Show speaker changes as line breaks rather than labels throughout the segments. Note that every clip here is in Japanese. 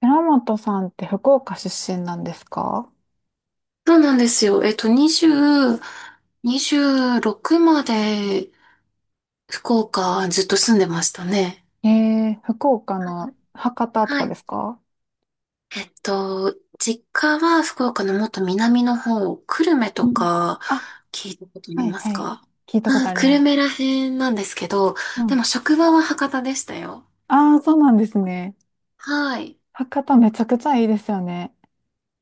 寺本さんって福岡出身なんですか？
そうなんですよ。20、26まで福岡ずっと住んでましたね。
えー、福岡の博多と
は
か
い。
ですか？
えっと、実家は福岡のもっと南の方、久留米
う
と
ん。
か
あ、
聞いたことあり
はい
ます
はい。
か？
聞いたこ
う
と
ん。
あり
久留
ま
米
す。
ら辺なんですけど、
う
で
ん。
も職場は博多でしたよ。
ああ、そうなんですね。
はい。
博多めちゃくちゃいいですよね。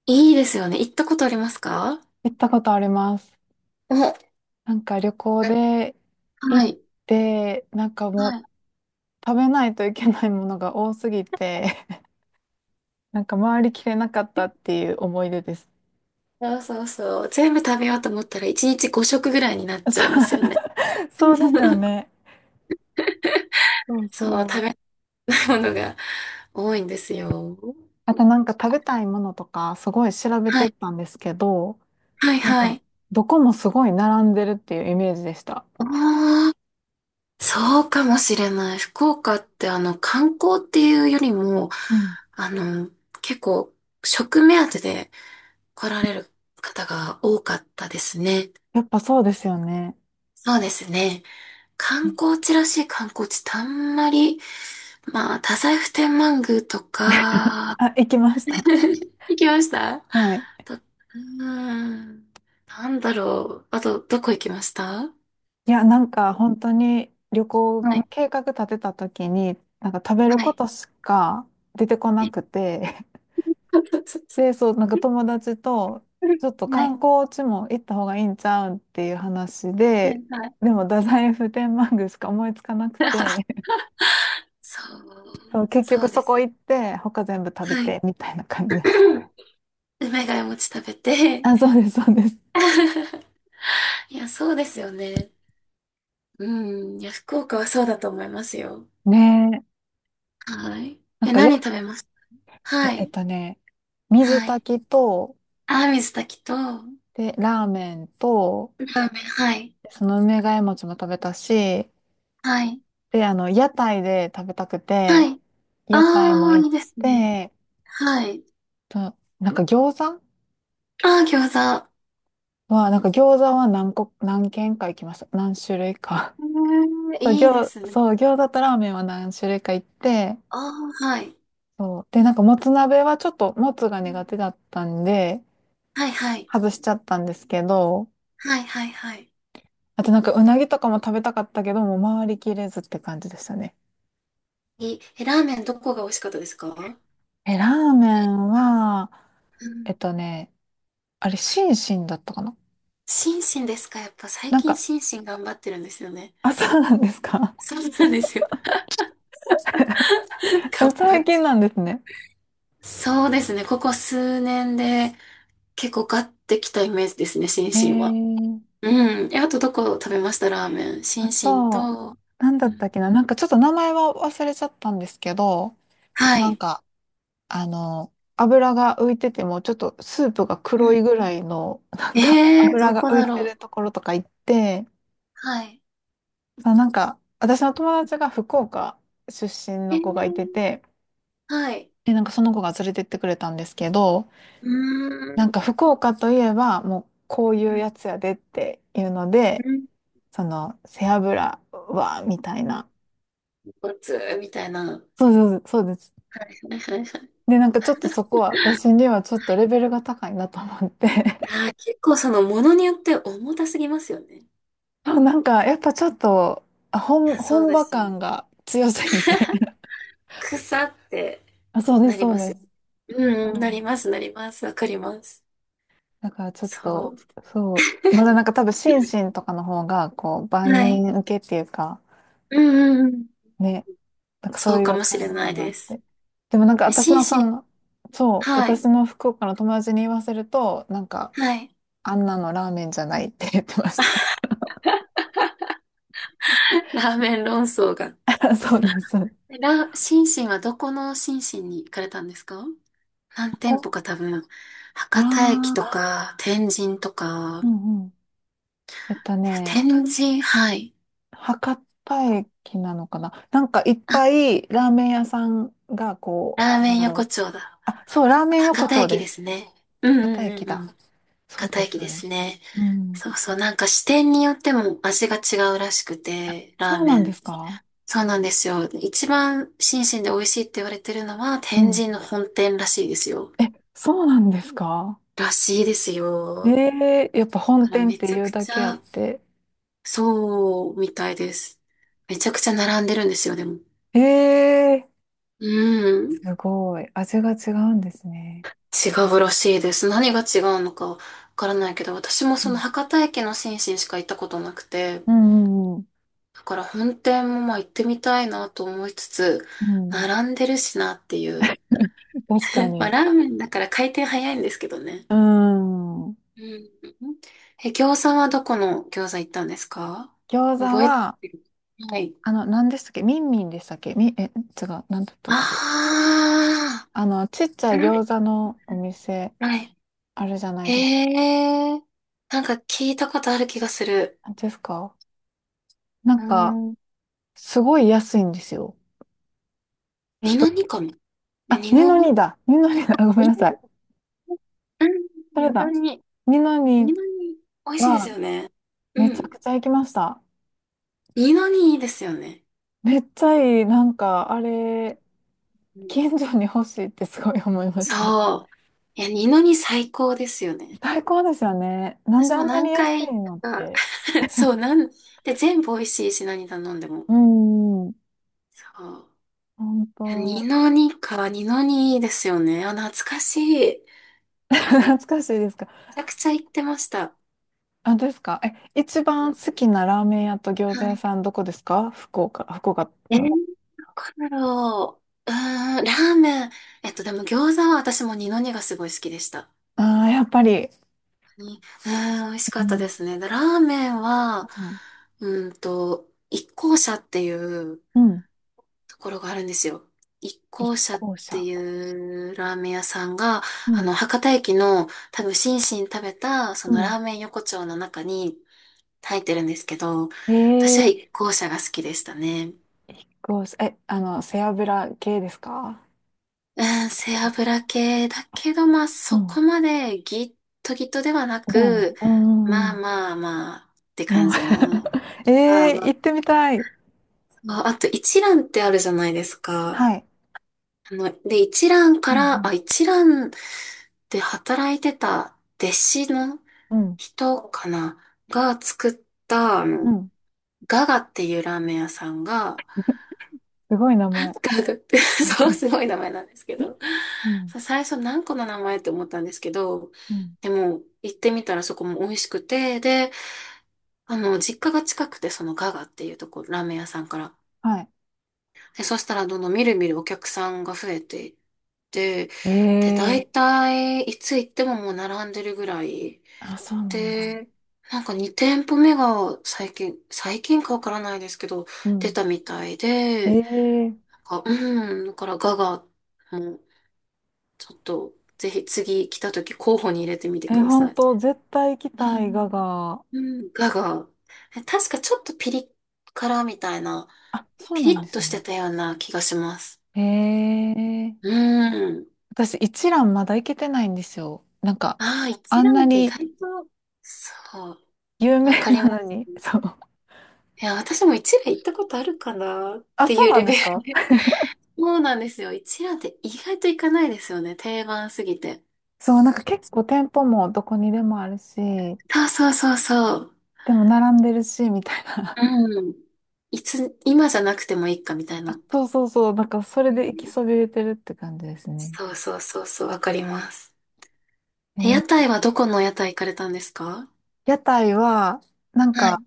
いいですよね。行ったことありますか？
行ったことあります。
お、は
なんか旅行で行っ
い。
て、なんかもう
はい。
食べないといけないものが多すぎて、なんか回りきれなかったっていう思い出です。
そうそうそう。全部食べようと思ったら1日5食ぐらいになっちゃいますよね。
そう そうですよ ね。そう
その食
そ
べ
う。
たいものが多いんですよ。
あとなんか食べたいものとかすごい調べ
は
てい
い、
ったんですけど、
はい、
なん
は
か
い。
どこもすごい並んでるっていうイメージでした。
ああ、そうかもしれない。福岡って観光っていうよりも、
うん。
あの、結構食目当てで来られる方が多かったですね。
やっぱそうですよね。
そうですね。観光地らしい観光地ってあんまり、まあ、太宰府天満宮とか、
あ、行きま した。
行きました
はい。
と、ーん、なんだろう。あと、どこ行きました？
いや、なんか本当に旅行
はい。
の計画立てた時に、なんか食べる
は
こ
い。
としか出てこな
え
くて、で、そう、なんか友達と、ちょっと
は
観
い。
光地も行った方がいいんちゃうんっていう話
はい。
で、
はい。
でも太宰府天満宮しか思いつかなくて、
そう。
そう、結
そ
局
うで
そこ
す。
行って、他全部食べ
はい。
て、みたいな感じでした。
梅ヶ谷餅食べて
あ、そうです、そうです。
いや、そうですよね。うん。いや、福岡はそうだと思いますよ。
ねえ。
はい。
な
え、
んかや、
何食べます？は
え、えっ
い。
とね、水
はい。
炊きと、
あ、水炊きと、ラー
で、ラーメンと、
メン。はい。
その梅ヶ枝餅も食べたし、
はい。
で、屋台で食べたく
は
て、
い。
屋台
あ
も
あ、い
行
い
っ
ですね。
て、
はい。
と、なんか餃子
ああ、餃子。
は、なんか餃子は何個、何軒か行きました。何種類か。そう、
いいですね。
そう、餃子とラーメンは何種類か行って、
ああ、はい。
そう。で、なんか、もつ鍋はちょっと、もつが
うん。
苦手だったんで、
はい、はい。
外しちゃったんですけど、
はいはいはい。
あとなんか、うなぎとかも食べたかったけど、もう回りきれずって感じでしたね。
いいえ、ラーメンどこが美味しかったですか？
ラーメ
え、
ンは、
うん。
えっとね、あれ、シンシンだったかな？
心身ですか？やっぱ最
なん
近
か、
心身頑張ってるんですよね。
あ、そうなんですか？
そうなんですよ。頑
え、
張
最
って
近
る。
なんですね。
そうですね。ここ数年で結構買ってきたイメージですね、心
え
身は。
ー、
うん。え、あとどこ食べました？ラーメン。心
あ
身
と、
と、
なんだ
う
った
ん。
っけな？なんか、ちょっと名前は忘れちゃったんですけど、
は
なん
い。
か、油が浮いてても、ちょっとスープが
う
黒
ん。
いぐらいの、なんか
ど
油が
こ
浮
だ
い
ろ
てる
う。
ところとか行って、
はい。
あ、なんか、私の友達が福岡出身
え
の子がいて
ー、
て、
はい。
で、なんかその子が連れてってくれたんですけど、
うー
なんか
ん。
福岡といえば、もうこうい
う
う
ん。
やつやでっていうので、
うん。
背脂は、みたいな。
豚骨みたいな。は
そうそうそうそうです。
いはいはいはい。
で、なんかちょっとそこは、私にはちょっとレベルが高いなと思って、
あー、結構そのものによって重たすぎますよね。
あなんか、やっぱちょっと、
いや、そう
本
で
場
すよ。
感が強すぎて
草って
あ、そうで
な
す、
り
そ
ま
う
す
で
よ。
す。
うんう
う
ん、なり
ん。
ます、なります。わかります。
だからちょっ
そう。
と、そう。まだな んか多分、心身とかの方が、こう、万
はい。
人受けっていうか、
うんうんうん。
ね、なんかそ
そ
う
う
い
か
う
もし
感
れ
じ
な
か
い
なっ
です。
て。でもなんか
え、
私
心
の
身。
そう、
はい。
私の福岡の友達に言わせると、なんか、
はい。
あんなのラーメンじゃないって言ってました。
ラーメン論争が。
そうです。
心身はどこの心身に行かれたんですか？何店
こ
舗
こ、
か多分、博多駅
ああ
とか、天神とか、
ー、うんうん。えっとね、
天神、はい。
博多駅なのかな？なんかいっ
あ、
ぱいラーメン屋さんがこ
ラー
う、な
メ
ん
ン
だ
横
ろう。
丁だ。
あ、そう、ラーメン
博
横
多
丁
駅
で
です
す。
ね。う。ん
博
う
多
んう
駅
んう
だ。
ん。
そう
博多
です、
駅
そ
で
うで
す
す。
ね。
うん。
そうそう。なんか支店によっても味が違うらしくて、ラー
そう
メ
なんで
ン。
すか？
そうなんですよ。一番新鮮で美味しいって言われてるのは
う
天
ん。
神の本店らしいですよ。
え、そうなんですか？
らしいです
え
よ。だ
えー、やっぱ
か
本
ら
店っ
め
て
ちゃ
い
く
うだ
ち
けあっ
ゃ、
て。
そうみたいです。めちゃくちゃ並んでるんですよ、でも。
ええー、
うん。
すごい。味が違うんですね。
違うらしいです。何が違うのかわからないけど、私も
う
その
ん
博多駅の新進しか行ったことなくて、
うんうん
だから本店もまあ行ってみたいなと思いつつ、
うん。うん、
並んでるしなっていう。
確か
まあ
に。
ラーメンだから回転早いんですけどね。
うん。
うん。え、餃子はどこの餃子行ったんですか？
餃子
覚え
は、
てる？はい。
何でしたっけ？ミンミンでしたっけ？違う、何だったっけ？
あ
ちっち
あ、
ゃ
う
い
ん。
餃子のお店、
はい。
あるじゃないです
へえ、なんか聞いたことある気がする。
か。な
うー
んか、
ん。
すごい安いんですよ。
二の
人、
二かも。え、
あ、
二
二
の
の
二？
にだ。二のにだ。ごめ
二
んな
の
さい。
二。うん、
それ
二の
だ。
二。
二の
二
に
の二。美味しいです
は、
よね。う
めちゃ
ん。
くちゃ行きました。
二の二いいですよね。
めっちゃいい。なんか、あれ、
うん、
近所に欲しいってすごい思いました。
そう。いや、二の二最高ですよね。
最高ですよね。なん
私
であ
も
んな
何
に安
回行
い
っ
のっ
たか、
て。
そう、で、全部美味しいし、何頼んでも。
うーん、
そう。
本
いや、二
当。
の二か、二の二いいですよね。あ、懐かしい。め
懐かしいですか？
ちゃくちゃ行ってました。
あ、ですか？一番好きなラーメン屋と餃子
は
屋
い。
さんどこですか？福岡、福岡
ど
の。
こだろう。うーん、ラーメン。でも餃子は私も二の二がすごい好きでした。
ああ、やっぱり。
に美味しか
う
ったで
ん。
すね。で、ラーメンは、
うん。
一向社っていう
うん、
ところがあるんですよ。一
一
向社っ
向
て
車。
いうラーメン屋さんが、
うん。
博多駅の多分、心身食べた、そ
う
のラ
ん。
ーメン横丁の中に入ってるんですけど、私
え
は
え、
一向社が好きでしたね。
一向車。え、あの、背脂系ですか？
うん、背
一向、
脂系だけど、まあ、
う
そこ
ん。
までギットギットではな
ではな
く、
い。うんう
ま
ん
あ
うん。
まあまあって感
まあ
じの、まあ
ええ、
ま
行っ
あ
てみたい。
まあ、あと一覧ってあるじゃないですか。
はい。
で、一覧か
う
ら、あ、
ん
一覧で働いてた弟子の
うん。
人かなが作った、
うん。うん。
ガガっていうラーメン屋さんが、
すごい名前。
ガガって、そう、すごい名前なんですけど、
うん。
そう最初何個の名前って思ったんですけど、
うん。
でも、行ってみたらそこも美味しくて、で、実家が近くて、そのガガっていうところ、ラーメン屋さんから。
はい。
で、そしたらどんどんみるみるお客さんが増えて、で、
え
大
え、
体、いつ行ってももう並んでるぐらい。
あ、そうなんだ。
で、なんか2店舗目が最近、最近かわからないですけど、
う
出
ん。
たみたいで、
ええ
なんかうん、だからガガも、ちょっと、ぜひ次来た時候補に入れてみてく
え、
ださ
本
い。
当絶対行き
う
たい、ガ
ん
が、
うん、ガガ。え、確かちょっとピリ辛みたいな、
あ、そう
ピ
な
リ
んで
ッと
す
して
ね。
たような気がします。
へえ。
うん。
私、一蘭まだ行けてないんですよ。なんか、
ああ、一
あん
蘭
な
って意
に
外と、そう。
有名
わかり
な
ま
の
す。
に、そう。
いや、私も一蘭行ったことあるかなっ
あ、
て
そう
いう
な
レ
んで
ベ
す
ル
か？
で。そうなんですよ。一覧って意外と行かないですよね。定番すぎて。
そう、なんか結構店舗もどこにでもあるし、
そうそうそうそう。
でも並んでるし、みたいな。
うん。いつ、今じゃなくてもいいかみたい な。
あ、そうそうそう、なんかそれ
う
で行き
ん。
そびれてるって感じですね。
そうそうそうそう、わかります。
え
え、屋
ー
台はどこの屋台行かれたんですか？
屋台は、なん
はい。
か、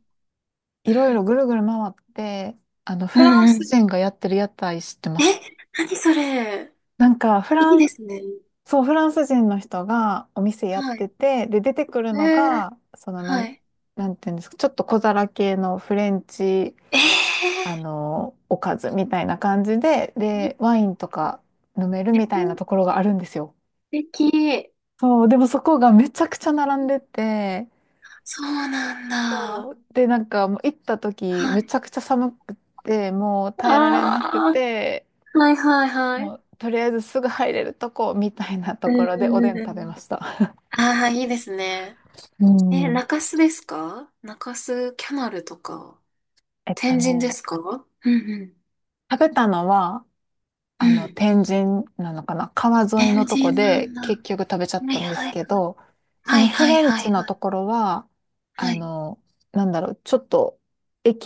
いろいろぐるぐる回って、
う
フラン
んう
ス
ん。
人がやってる屋台知ってます？
え、何それ。
なんか、フ
い
ラ
い
ン
で
ス、
すね。
そう、フランス人の人がお店やっ
は
て
い。
て、で、出てくるの
えー、
が、
はい。
なんていうんですか、ちょっと小皿系のフレンチ、
えー、
おかずみたいな感じで、
いい
で、ワインと
な。
か飲めるみたいな
素
ところがあるんですよ。
敵。
そう、でもそこがめちゃくちゃ並んでて、
そうなんだ。
そう、で、なんかもう行った時、
は
め
い。
ちゃくちゃ寒くて、もう耐えられなく
あ
て、
あ、はいはいはい。
もうとりあえずすぐ入れるとこみたいなと
うん
ころでお
う
で
ん
ん
う
食べ
ん。
ました。
ああ、いいですね。
う
え、
ん。
中洲ですか？中洲キャナルとか、
えっと
天
ね、
神ですか？うんうん。
食べたのは、
うん。
天神なのかな？川沿い
天
のと
神
こ
なん
で
だ。
結
は
局食べちゃっ
い
たんで
は
す
い。
けど、そ
はい
のフ
はい
レン
はい
チの
はい。
ところは、
は
あ
い。
の、なんだろう、ちょっと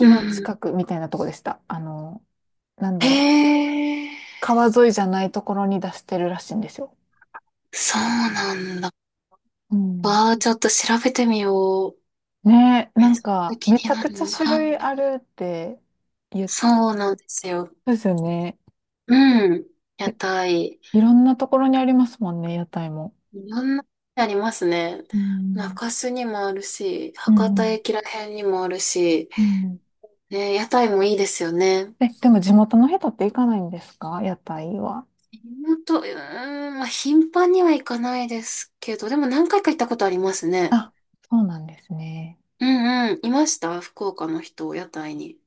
う
の
んうん。
近くみたいなとこでした。なんだろう、
へえ、
川沿いじゃないところに出してるらしいんですよ。
そうなんだ。
うん。
わあ、ちょっと調べてみよう。
ねえ、
め
な
っち
ん
ゃ
か、
気
め
に
ちゃ
な
くちゃ
る。
種
は
類
い。
あるって言っ
そうなんですよ。
たですよね。
うん。屋
え
台。
いろんなところにありますもんね、屋台も。
いろんなありますね。
うん。
中洲にもあるし、
うん
博
う
多
ん。
駅ら辺にもあるし、
うん、
ね、屋台もいいですよね。
でも地元の人って行かないんですか？屋台は。
本当、まあ、頻繁には行かないですけど、でも何回か行ったことありますね。
あ、そうなんですね。
うんうん、いました福岡の人、屋台に。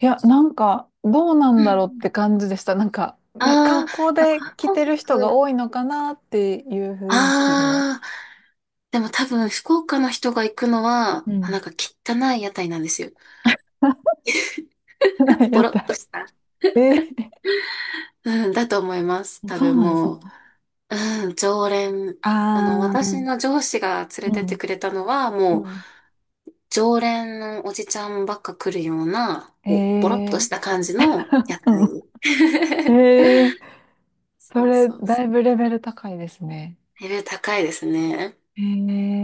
いや、なんか、どうな
うん
ん
う
だろうっ
ん。
て感じでした。なんか、ま
あ
観
ー、
光
まあ、
で
観
来
光
てる人が
客。
多いのかなっていう雰囲気も。
ああ、でも多分福岡の人が行くのは、
う
な
ん。
んか汚い屋台なんですよ。ボ
屋
ロっと
台。
した。
えー、
うん、だと思います。多
そう
分
なんです
もう。
ね。
うん、常連。
あ
私
ー、
の上司が連れ
う
てって
ん、
くれたのは、
う
もう、
ん。
常連のおじちゃんばっか来るような、こうボロっと
え
し
ー、
た感じの屋
う
台。
ん。えー、そ
そう
れ、
そうそ
だいぶレベル高いですね。
う。レベル高いですね。
え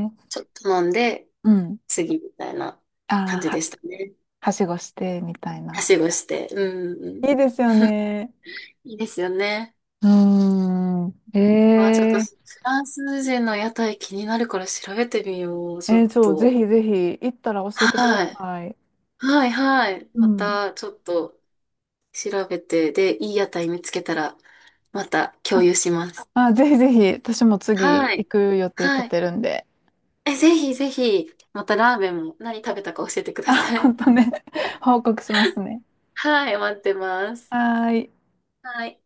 ー、
ちょっと飲んで、
うん。
次みたいな感
あ
じ
ー、
でしたね。
はしごして、みたいな。
はしごして。うんう
いい
ん。
ですよね。
いいですよね。
うーん。
あ、ちょっと、フ
ええ。
ランス人の屋台気になるから調べてみよう。ちょ
え
っ
ー、そう、ぜ
と。
ひぜひ、行ったら教えてくだ
はい。
さい。
はいはい。
う
ま
ん。
た、ちょっと。調べて、で、いい屋台見つけたら、また共
あ、
有します。
まあ、ぜひぜひ、私も次
は
行
い。
く予定立
はい。
てるんで、
え、ぜひぜひ、またラーメンも何食べたか教えてくださ い。
本当ね、報告しますね。
はい、待ってます。
はーい。
はい。